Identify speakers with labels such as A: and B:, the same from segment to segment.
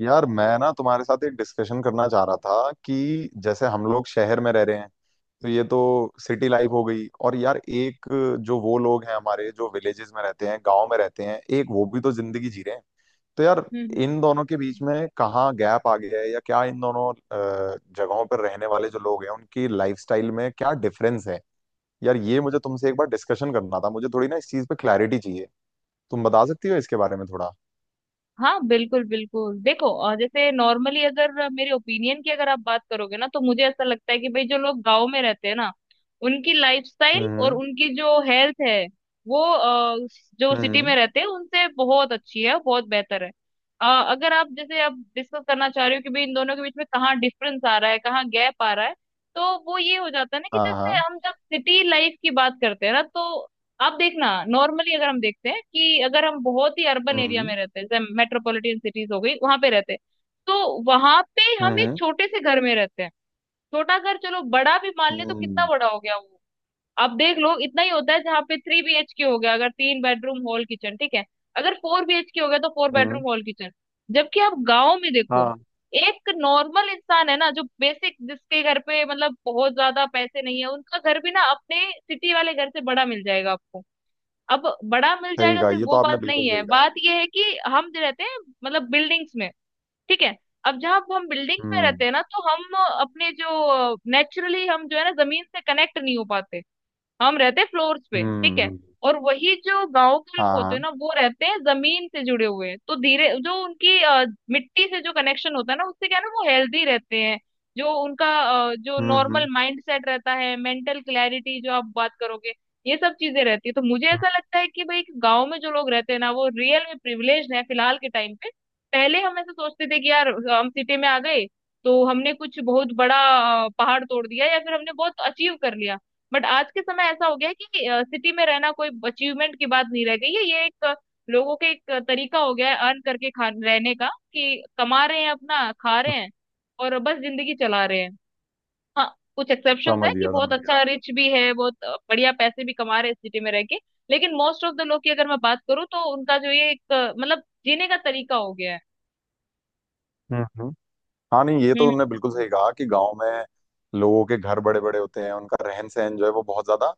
A: यार मैं ना तुम्हारे साथ एक डिस्कशन करना चाह रहा था कि जैसे हम लोग शहर में रह रहे हैं, तो ये तो सिटी लाइफ हो गई, और यार एक जो वो लोग हैं हमारे जो विलेजेस में रहते हैं गांव में रहते हैं, एक वो भी तो जिंदगी जी रहे हैं। तो यार
B: हम्म हम्म।
A: इन दोनों के बीच में कहाँ गैप आ गया है, या क्या इन दोनों जगहों पर रहने वाले जो लोग हैं उनकी लाइफस्टाइल में क्या डिफरेंस है? यार ये मुझे तुमसे एक बार डिस्कशन करना था, मुझे थोड़ी ना इस चीज पे क्लैरिटी चाहिए। तुम बता सकती हो इसके बारे में थोड़ा?
B: हाँ, बिल्कुल बिल्कुल, देखो। और जैसे नॉर्मली अगर मेरे ओपिनियन की अगर आप बात करोगे ना, तो मुझे ऐसा लगता है कि भाई जो लोग गांव में रहते हैं ना, उनकी लाइफस्टाइल और
A: हम्म,
B: उनकी जो हेल्थ है, वो जो सिटी में
A: हम्म।
B: रहते हैं उनसे बहुत अच्छी है, बहुत बेहतर है। अ, अगर आप जैसे आप डिस्कस करना चाह रहे हो कि भाई इन दोनों के बीच में कहाँ डिफरेंस आ रहा है, कहाँ गैप आ रहा है, तो वो ये हो जाता है ना कि
A: हाँ,
B: जैसे
A: हाँ।
B: हम जब सिटी लाइफ की बात करते हैं ना, तो आप देखना, नॉर्मली अगर हम देखते हैं कि अगर हम बहुत ही अर्बन एरिया
A: हम्म,
B: में रहते हैं, जैसे मेट्रोपॉलिटन सिटीज हो गई, वहां पे रहते हैं तो वहां पे हम एक
A: हम्म,
B: छोटे से घर में रहते हैं। छोटा घर, चलो बड़ा भी मान ले तो
A: हम्म,
B: कितना बड़ा हो गया वो? आप देख लो, इतना ही होता है। जहाँ पे 3BHK हो गया, अगर 3 बेडरूम हॉल किचन, ठीक है, अगर 4BHK हो गया तो 4 बेडरूम
A: हम्म।
B: Hall kitchen. जबकि आप गाँव में देखो,
A: हाँ।
B: एक नॉर्मल इंसान है ना, जो बेसिक, जिसके घर पे मतलब बहुत ज्यादा पैसे नहीं है, उनका घर भी ना अपने सिटी वाले घर से बड़ा मिल जाएगा आपको। अब बड़ा मिल
A: सही
B: जाएगा
A: कहा,
B: सिर्फ
A: ये
B: वो
A: तो आपने
B: बात
A: बिल्कुल
B: नहीं है,
A: सही कहा।
B: बात ये है कि हम जो रहते हैं मतलब बिल्डिंग्स में, ठीक है, अब जहाँ हम बिल्डिंग्स में
A: हम्म,
B: रहते हैं ना, तो हम अपने जो नेचुरली, हम जो है ना, जमीन से कनेक्ट नहीं हो पाते। हम रहते हैं फ्लोर्स पे, ठीक
A: हम्म,
B: है। और वही जो गांव के लोग
A: हाँ,
B: होते हैं
A: हाँ,
B: ना, वो रहते हैं जमीन से जुड़े हुए हैं, तो धीरे जो उनकी मिट्टी से जो कनेक्शन होता है ना, उससे क्या है ना वो हेल्दी रहते हैं। जो उनका जो
A: हम्म,
B: नॉर्मल
A: हम्म,
B: माइंड सेट रहता है, मेंटल क्लैरिटी जो आप बात करोगे, ये सब चीजें रहती है। तो मुझे
A: हम्म।
B: ऐसा लगता है कि भाई गांव में जो लोग रहते हैं ना, वो रियल में प्रिविलेज है फिलहाल के टाइम पे। पहले हम ऐसा सोचते थे कि यार हम सिटी में आ गए तो हमने कुछ बहुत बड़ा पहाड़ तोड़ दिया या फिर हमने बहुत अचीव कर लिया। बट आज के समय ऐसा हो गया है कि सिटी में रहना कोई अचीवमेंट की बात नहीं रह गई है। ये एक लोगों के एक तरीका हो गया है अर्न करके खा रहने का, कि कमा रहे हैं, अपना खा रहे हैं, और बस जिंदगी चला रहे हैं। हाँ, कुछ एक्सेप्शंस
A: समझ
B: है कि
A: गया,
B: बहुत
A: समझ
B: अच्छा
A: गया।
B: रिच भी है, बहुत बढ़िया पैसे भी कमा रहे हैं सिटी में रह के। लेकिन मोस्ट ऑफ द लोग की अगर मैं बात करूँ, तो उनका जो ये एक मतलब जीने का तरीका हो गया है।
A: हम्म, हम्म। हाँ, नहीं, ये तो
B: हम्म।
A: तुमने बिल्कुल सही कहा कि गांव में लोगों के घर बड़े बड़े होते हैं, उनका रहन सहन जो है वो बहुत ज्यादा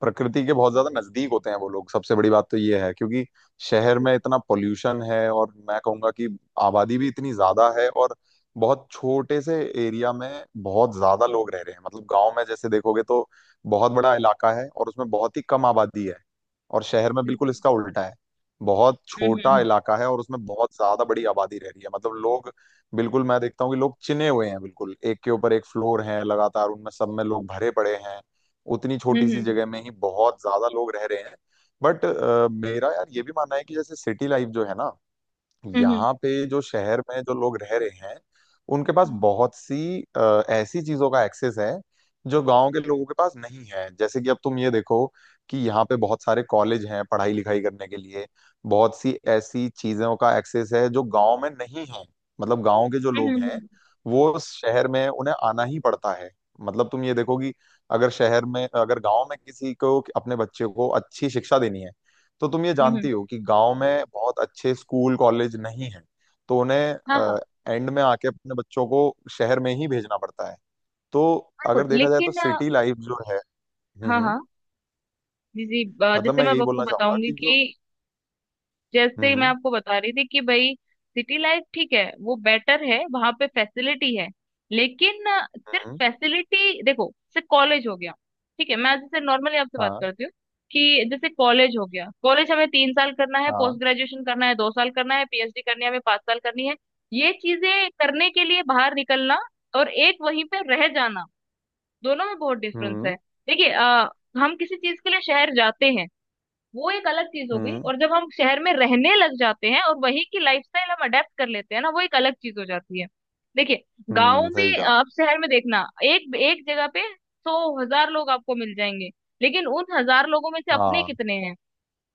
A: प्रकृति के बहुत ज्यादा नजदीक होते हैं वो लोग। सबसे बड़ी बात तो ये है क्योंकि शहर में इतना पोल्यूशन है, और मैं कहूंगा कि आबादी भी इतनी ज्यादा है, और बहुत छोटे से एरिया में बहुत ज्यादा लोग रह रहे हैं। मतलब गांव में जैसे देखोगे तो बहुत बड़ा इलाका है और उसमें बहुत ही कम आबादी है, और शहर में बिल्कुल
B: बिल्कुल।
A: इसका उल्टा है। बहुत
B: हम्म
A: छोटा
B: हम्म
A: इलाका है और उसमें बहुत ज्यादा बड़ी आबादी रह रही है, मतलब लोग बिल्कुल, मैं देखता हूँ कि लोग चिने हुए हैं, बिल्कुल एक के ऊपर एक फ्लोर है लगातार, उनमें सब में लोग भरे पड़े हैं, उतनी छोटी सी
B: हम्म
A: जगह में ही बहुत ज्यादा लोग रह रहे हैं। बट मेरा यार ये भी मानना है कि जैसे सिटी लाइफ जो है ना,
B: हम्म हम्म
A: यहाँ पे जो शहर में जो लोग रह रहे हैं उनके पास
B: हम्म
A: बहुत सी ऐसी चीजों का एक्सेस है जो गांव के लोगों के पास नहीं है। जैसे कि अब तुम ये देखो कि यहाँ पे बहुत सारे कॉलेज हैं पढ़ाई लिखाई करने के लिए, बहुत सी ऐसी चीजों का एक्सेस है जो गांव में नहीं है। मतलब गांव के जो
B: हम्म
A: लोग
B: हम्म
A: हैं,
B: हम्म,
A: वो उस शहर में उन्हें आना ही पड़ता है। मतलब तुम ये देखो कि अगर शहर में अगर गांव में किसी को अपने बच्चे को अच्छी शिक्षा देनी है, तो तुम ये
B: हम्म, हम्म,
A: जानती हो कि गांव में बहुत अच्छे स्कूल कॉलेज नहीं है, तो
B: हाँ हाँ।
A: उन्हें एंड में आके अपने बच्चों को शहर में ही भेजना पड़ता है। तो
B: बिल्कुल
A: अगर देखा जाए तो
B: लेकिन
A: सिटी लाइफ जो है। हम्म,
B: हाँ
A: हम्म।
B: हाँ। जी जी।
A: मतलब
B: जैसे
A: मैं
B: मैं अब
A: यही
B: आपको
A: बोलना चाहूंगा
B: बताऊंगी
A: कि जो।
B: कि जैसे मैं
A: हम्म
B: आपको बता रही थी कि भाई सिटी लाइफ ठीक है, वो बेटर है, वहां पे फैसिलिटी है। लेकिन सिर्फ
A: हम्म
B: फैसिलिटी देखो, जैसे कॉलेज हो गया, ठीक है। मैं जैसे नॉर्मली आपसे बात
A: हाँ,
B: करती हूँ कि जैसे कॉलेज हो गया, कॉलेज हमें 3 साल करना है, पोस्ट
A: हाँ,
B: ग्रेजुएशन करना है 2 साल करना है, पीएचडी करनी है हमें 5 साल करनी है। ये चीजें करने के लिए बाहर निकलना, और एक वहीं पे रह जाना, दोनों में बहुत डिफरेंस है।
A: हम्म,
B: देखिए, हम किसी चीज के लिए शहर जाते हैं, वो एक अलग चीज हो गई,
A: हम्म,
B: और जब हम शहर में रहने लग जाते हैं और वहीं की लाइफस्टाइल हम अडेप्ट कर लेते हैं ना, वो एक अलग चीज हो जाती है। देखिए, गांव
A: हम्म। सही
B: में,
A: कहा।
B: आप शहर में देखना, एक एक जगह पे सौ हजार लोग आपको मिल जाएंगे। लेकिन उन हजार लोगों में से अपने
A: हाँ।
B: कितने हैं?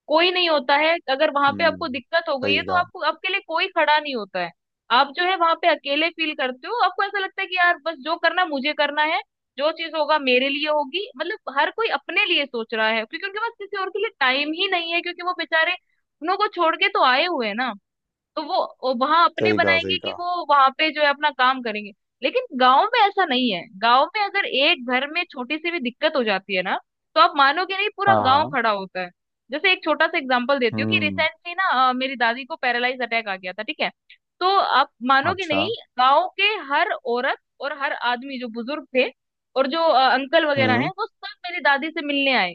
B: कोई नहीं होता है। अगर वहां पे
A: हम्म।
B: आपको दिक्कत हो गई है
A: सही
B: तो
A: कहा,
B: आपको, आपके लिए कोई खड़ा नहीं होता है। आप जो है वहां पे अकेले फील करते हो। आपको ऐसा लगता है कि यार बस जो करना है, मुझे करना है, जो चीज होगा मेरे लिए होगी, मतलब हर कोई अपने लिए सोच रहा है, क्योंकि उनके पास किसी और के लिए टाइम ही नहीं है, क्योंकि वो बेचारे अपनों को छोड़ के तो आए हुए हैं ना, तो वो वहां अपने
A: सही कहा, सही
B: बनाएंगे, कि
A: कहा।
B: वो वहां पे जो है अपना काम करेंगे। लेकिन गांव में ऐसा नहीं है। गांव में अगर एक घर में छोटी सी भी दिक्कत हो जाती है ना, तो आप मानोगे नहीं, पूरा गांव
A: हाँ।
B: खड़ा होता है। जैसे एक छोटा सा एग्जांपल देती हूँ कि
A: हम्म।
B: रिसेंटली ना मेरी दादी को पैरालाइज अटैक आ गया था, ठीक है। तो आप मानोगे
A: अच्छा।
B: नहीं, गांव के हर औरत और हर आदमी जो बुजुर्ग थे, और जो अंकल वगैरह
A: हम्म।
B: हैं, वो सब मेरी दादी से मिलने आए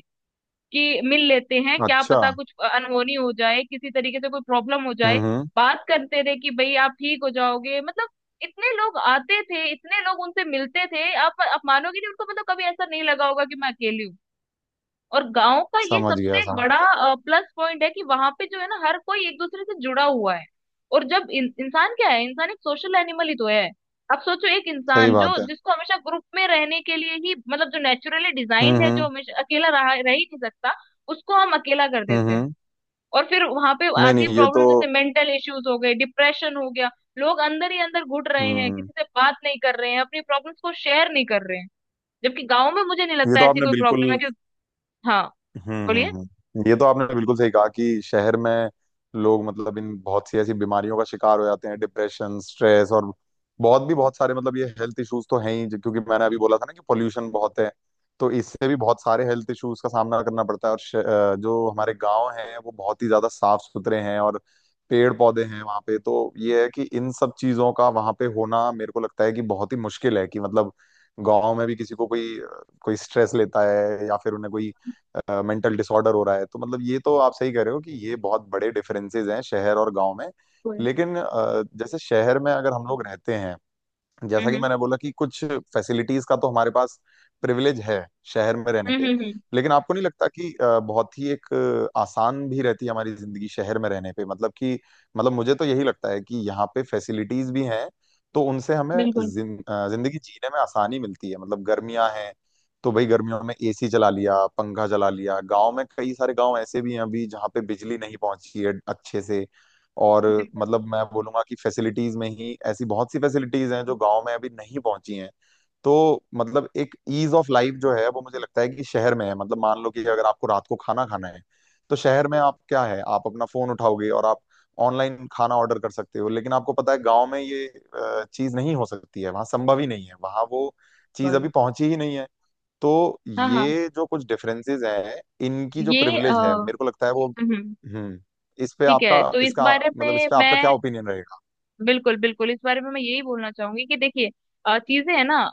B: कि मिल लेते हैं, क्या
A: अच्छा।
B: पता कुछ अनहोनी हो जाए, किसी तरीके से कोई प्रॉब्लम हो
A: हम्म,
B: जाए।
A: हम्म।
B: बात करते थे कि भाई आप ठीक हो जाओगे, मतलब इतने लोग आते थे, इतने लोग उनसे मिलते थे, आप मानोगे नहीं, उनको मतलब कभी ऐसा नहीं लगा होगा कि मैं अकेली हूँ। और गांव का ये
A: समझ गया,
B: सबसे
A: समझ
B: बड़ा
A: गया।
B: प्लस पॉइंट है कि वहां पे जो है ना, हर कोई एक दूसरे से जुड़ा हुआ है। और जब इंसान क्या है? इंसान एक सोशल एनिमल ही तो है। अब सोचो, एक
A: सही
B: इंसान जो
A: बात है।
B: जिसको हमेशा ग्रुप में रहने के लिए ही, मतलब जो नेचुरली
A: हम्म,
B: डिजाइंड है, जो
A: हम्म,
B: हमेशा अकेला रहा रह ही नहीं सकता, उसको हम अकेला कर
A: हम्म,
B: देते हैं।
A: हम्म।
B: और फिर वहां पे
A: नहीं,
B: आती है
A: नहीं, ये तो।
B: प्रॉब्लम, जैसे मेंटल इश्यूज हो गए, डिप्रेशन हो गया, लोग अंदर ही अंदर घुट रहे हैं,
A: हम्म।
B: किसी से बात नहीं कर रहे हैं, अपनी प्रॉब्लम्स को शेयर नहीं कर रहे हैं। जबकि गाँव में मुझे नहीं
A: ये
B: लगता
A: तो
B: ऐसी
A: आपने
B: कोई
A: बिल्कुल।
B: प्रॉब्लम है कि। हाँ,
A: हम्म,
B: बोलिए।
A: हम्म, ये तो आपने बिल्कुल सही कहा कि शहर में लोग मतलब इन बहुत सी ऐसी बीमारियों का शिकार हो जाते हैं, डिप्रेशन, स्ट्रेस, और बहुत भी बहुत सारे, मतलब ये हेल्थ इश्यूज तो हैं ही क्योंकि मैंने अभी बोला था ना कि पोल्यूशन बहुत है, तो इससे भी बहुत सारे हेल्थ इश्यूज का सामना करना पड़ता है। और जो हमारे गांव हैं वो बहुत ही ज्यादा साफ सुथरे हैं और पेड़ पौधे हैं वहाँ पे, तो ये है कि इन सब चीजों का वहाँ पे होना मेरे को लगता है कि बहुत ही मुश्किल है, कि मतलब गांव में भी किसी को कोई कोई स्ट्रेस लेता है या फिर उन्हें कोई मेंटल डिसऑर्डर हो रहा है, तो मतलब ये तो आप सही कह रहे हो कि ये बहुत बड़े डिफरेंसेस हैं शहर और गांव में।
B: बिल्कुल।
A: लेकिन जैसे शहर में अगर हम लोग रहते हैं, जैसा
B: हम्म
A: कि
B: हम्म
A: मैंने बोला, कि कुछ फैसिलिटीज का तो हमारे पास प्रिविलेज है शहर में रहने
B: हम्म
A: पे,
B: हम्म, हम्म,
A: लेकिन आपको नहीं लगता कि बहुत ही एक आसान भी रहती है हमारी जिंदगी शहर में रहने पे? मतलब कि मतलब मुझे तो यही लगता है कि यहाँ पे फैसिलिटीज भी हैं, तो उनसे हमें
B: बिल्कुल
A: जिंदगी जीने में आसानी मिलती है। मतलब गर्मियां हैं, तो भाई गर्मियों में एसी चला लिया पंखा चला लिया, गांव में कई सारे गांव ऐसे भी हैं अभी जहाँ पे बिजली नहीं पहुंची है अच्छे से, और
B: बिल्कुल।
A: मतलब मैं बोलूंगा कि फैसिलिटीज में ही ऐसी बहुत सी फैसिलिटीज हैं जो गांव में अभी नहीं पहुंची हैं। तो मतलब एक ईज ऑफ लाइफ जो है वो मुझे लगता है कि शहर में है। मतलब मान लो कि अगर आपको रात को खाना खाना है, तो शहर में आप क्या है आप अपना फोन उठाओगे और आप ऑनलाइन खाना ऑर्डर कर सकते हो, लेकिन आपको पता है गांव में ये चीज नहीं हो सकती है, वहां संभव ही नहीं है, वहां वो चीज
B: बिल्कुल।
A: अभी पहुंची ही नहीं है। तो
B: हाँ हाँ।
A: ये जो कुछ डिफरेंसेस हैं, इनकी जो
B: ये
A: प्रिविलेज है मेरे को लगता है वो
B: हम्म।
A: इस पे
B: ठीक है,
A: आपका,
B: तो इस
A: इसका
B: बारे
A: मतलब, इस
B: में
A: पे आपका क्या
B: मैं,
A: ओपिनियन रहेगा?
B: बिल्कुल बिल्कुल, इस बारे में मैं यही बोलना चाहूंगी कि देखिए, चीजें है ना,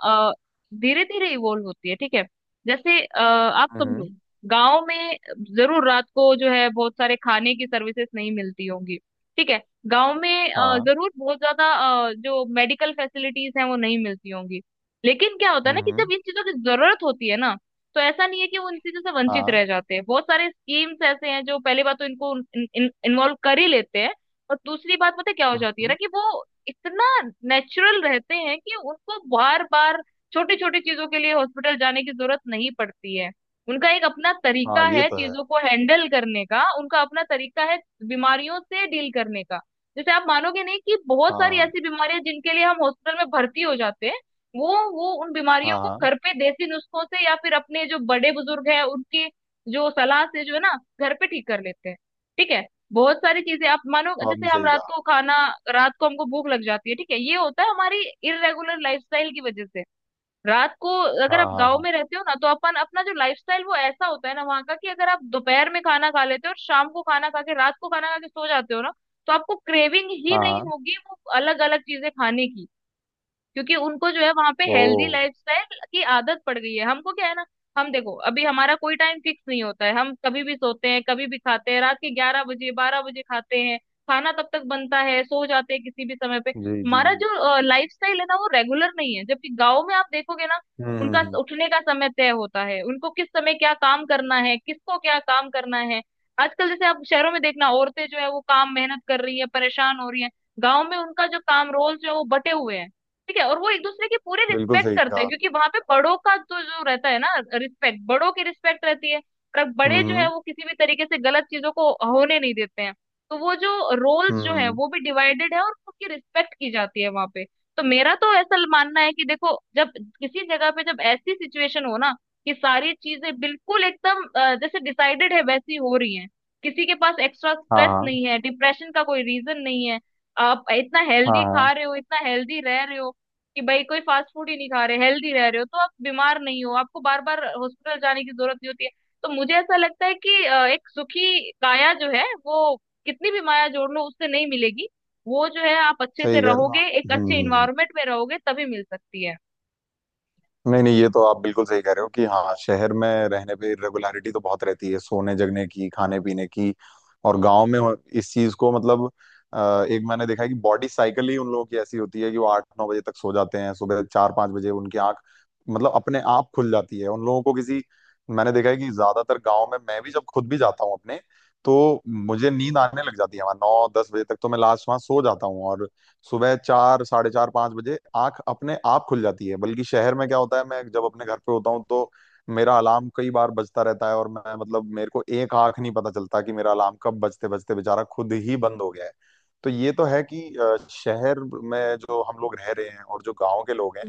B: धीरे धीरे इवोल्व होती है, ठीक है। जैसे आप
A: हम्म।
B: समझो, गांव में जरूर रात को जो है बहुत सारे खाने की सर्विसेज नहीं मिलती होंगी, ठीक है। गांव में
A: हाँ।
B: जरूर बहुत ज्यादा जो मेडिकल फैसिलिटीज हैं वो नहीं मिलती होंगी। लेकिन क्या होता है
A: हम्म,
B: ना, कि जब इन चीजों की जरूरत होती है ना, तो ऐसा नहीं है कि वो इन चीजों से वंचित
A: हाँ,
B: रह जाते हैं। बहुत सारे स्कीम्स ऐसे हैं जो पहले बात तो इनको इन्वॉल्व कर ही लेते हैं। और दूसरी बात पता है क्या हो
A: हम्म,
B: जाती है ना,
A: हम्म।
B: कि वो इतना नेचुरल रहते हैं कि उनको बार बार छोटी छोटी चीजों के लिए हॉस्पिटल जाने की जरूरत नहीं पड़ती है। उनका एक अपना तरीका
A: हाँ, ये
B: है
A: तो है।
B: चीजों को हैंडल करने का, उनका अपना तरीका है बीमारियों से डील करने का। जैसे आप मानोगे नहीं कि बहुत सारी
A: हाँ,
B: ऐसी बीमारियां जिनके लिए हम हॉस्पिटल में भर्ती हो जाते हैं, वो उन बीमारियों
A: हाँ,
B: को
A: हाँ।
B: घर पे देसी नुस्खों से, या फिर अपने जो बड़े बुजुर्ग हैं उनकी जो सलाह से जो है ना, घर पे ठीक कर लेते हैं, ठीक है। बहुत सारी चीजें, आप मानो,
A: तो
B: जैसे
A: आपने
B: हम
A: सही
B: रात
A: कहा।
B: को खाना, रात को हमको भूख लग जाती है, ठीक है, ये होता है हमारी इरेगुलर लाइफस्टाइल की वजह से। रात को, अगर
A: हाँ,
B: आप
A: हाँ,
B: गांव
A: हाँ,
B: में रहते हो ना, तो अपन अपना जो लाइफस्टाइल, वो ऐसा होता है ना वहाँ का, कि अगर आप दोपहर में खाना खा लेते हो, और शाम को खाना खा के, रात को खाना खा के सो जाते हो ना, तो आपको क्रेविंग ही
A: हाँ,
B: नहीं
A: हाँ।
B: होगी वो अलग अलग चीजें खाने की, क्योंकि उनको जो है वहां पे
A: ओ।
B: हेल्दी लाइफस्टाइल की आदत पड़ गई है। हमको क्या है ना, हम देखो अभी हमारा कोई टाइम फिक्स नहीं होता है, हम कभी भी सोते हैं, कभी भी खाते हैं, रात के 11 बजे 12 बजे खाते हैं, खाना तब तक बनता है, सो जाते हैं किसी भी समय पे,
A: जी, जी,
B: हमारा
A: जी।
B: जो लाइफस्टाइल है ना वो रेगुलर नहीं है। जबकि गाँव में आप देखोगे ना,
A: हम्म, हम्म,
B: उनका
A: हम्म।
B: उठने का समय तय होता है, उनको किस समय क्या काम करना है, किसको क्या काम करना है। आजकल जैसे आप शहरों में देखना, औरतें जो है वो काम मेहनत कर रही है, परेशान हो रही है। गाँव में उनका जो काम रोल जो है वो बटे हुए हैं, ठीक है, और वो एक दूसरे की पूरी
A: बिल्कुल
B: रिस्पेक्ट
A: सही
B: करते हैं,
A: कहा।
B: क्योंकि वहां पे बड़ों का तो जो रहता है ना, रिस्पेक्ट, बड़ों की रिस्पेक्ट रहती है। पर बड़े जो है
A: हम्म,
B: वो किसी भी तरीके से गलत चीजों को होने नहीं देते हैं। तो वो जो रोल्स
A: हम्म,
B: जो है वो भी डिवाइडेड है, और उसकी रिस्पेक्ट की जाती है वहां पे। तो मेरा तो ऐसा मानना है कि देखो, जब किसी जगह पे जब ऐसी सिचुएशन हो ना, कि सारी चीजें बिल्कुल एकदम जैसे डिसाइडेड है वैसी हो रही है, किसी के पास एक्स्ट्रा
A: हाँ,
B: स्ट्रेस
A: हाँ,
B: नहीं है, डिप्रेशन का कोई रीजन नहीं है, आप इतना
A: हाँ,
B: हेल्दी
A: हाँ।
B: खा रहे हो, इतना हेल्दी रह रहे हो, कि भाई कोई फास्ट फूड ही नहीं खा रहे, हेल्दी रह रहे हो तो आप बीमार नहीं हो, आपको बार बार हॉस्पिटल जाने की जरूरत नहीं होती है। तो मुझे ऐसा लगता है कि एक सुखी काया जो है वो कितनी भी माया जोड़ लो उससे नहीं मिलेगी। वो जो है, आप अच्छे से
A: सही कह रहे हो आप।
B: रहोगे, एक
A: हम्म,
B: अच्छे
A: हम्म,
B: इन्वायरमेंट में रहोगे तभी मिल सकती है।
A: नहीं, नहीं, ये तो आप बिल्कुल सही कह रहे हो कि हाँ शहर में रहने पे रेगुलरिटी तो बहुत रहती है, सोने जगने की, खाने पीने की, और गांव में इस चीज को, मतलब एक, मैंने देखा है कि बॉडी साइकिल ही उन लोगों की ऐसी होती है कि वो 8-9 बजे तक सो जाते हैं, सुबह 4-5 बजे उनकी आंख मतलब अपने आप खुल जाती है, उन लोगों को किसी। मैंने देखा है कि ज्यादातर गांव में, मैं भी जब खुद भी जाता हूँ अपने, तो मुझे नींद आने लग जाती है वहां 9-10 बजे तक, तो मैं लास्ट वहां सो जाता हूँ, और सुबह चार साढ़े चार पांच बजे आंख अपने आप खुल जाती है। बल्कि शहर में क्या होता है, मैं जब अपने घर पे होता हूँ, तो मेरा अलार्म कई बार बजता रहता है, और मैं मतलब मेरे को एक आंख नहीं पता चलता कि मेरा अलार्म कब बजते बजते बेचारा खुद ही बंद हो गया है। तो ये तो है कि शहर में जो हम लोग रह रहे हैं और जो गांव के लोग हैं,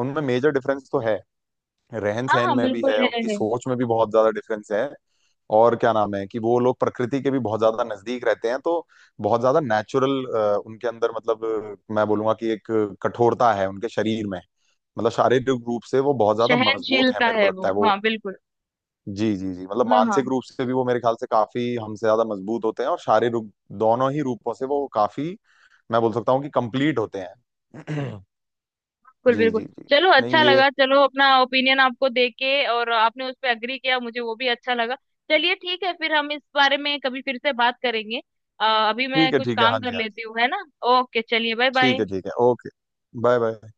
A: उनमें मेजर डिफरेंस तो है, रहन
B: हाँ
A: सहन
B: हाँ,
A: में भी
B: बिल्कुल
A: है,
B: है,
A: उनकी
B: है।
A: सोच में भी बहुत ज्यादा डिफरेंस है। और क्या नाम है, कि वो लोग प्रकृति के भी बहुत ज्यादा नजदीक रहते हैं, तो बहुत ज्यादा नेचुरल उनके अंदर, मतलब मैं बोलूंगा कि एक कठोरता है उनके शरीर में, मतलब शारीरिक रूप से वो बहुत ज्यादा मजबूत है
B: सहनशीलता
A: मेरे को
B: है
A: लगता
B: वो,
A: है वो।
B: हाँ बिल्कुल।
A: जी, जी, जी, मतलब
B: हाँ हाँ।
A: मानसिक रूप से भी वो मेरे ख्याल से काफी हमसे ज्यादा मजबूत होते हैं, और शारीरिक दोनों ही रूपों से वो काफी, मैं बोल सकता हूँ कि, कंप्लीट होते हैं।
B: बिल्कुल
A: जी,
B: बिल्कुल।
A: जी, जी।
B: चलो,
A: नहीं,
B: अच्छा
A: ये।
B: लगा, चलो अपना ओपिनियन आपको देके, और आपने उस पर अग्री किया, मुझे वो भी अच्छा लगा। चलिए ठीक है, फिर हम इस बारे में कभी फिर से बात करेंगे। अ, अभी मैं
A: ठीक है,
B: कुछ
A: ठीक है, हाँ
B: काम कर
A: जी।
B: लेती हूँ, है ना। ओके, चलिए, बाय
A: ठीक
B: बाय।
A: है, ठीक है, ओके। Bye bye.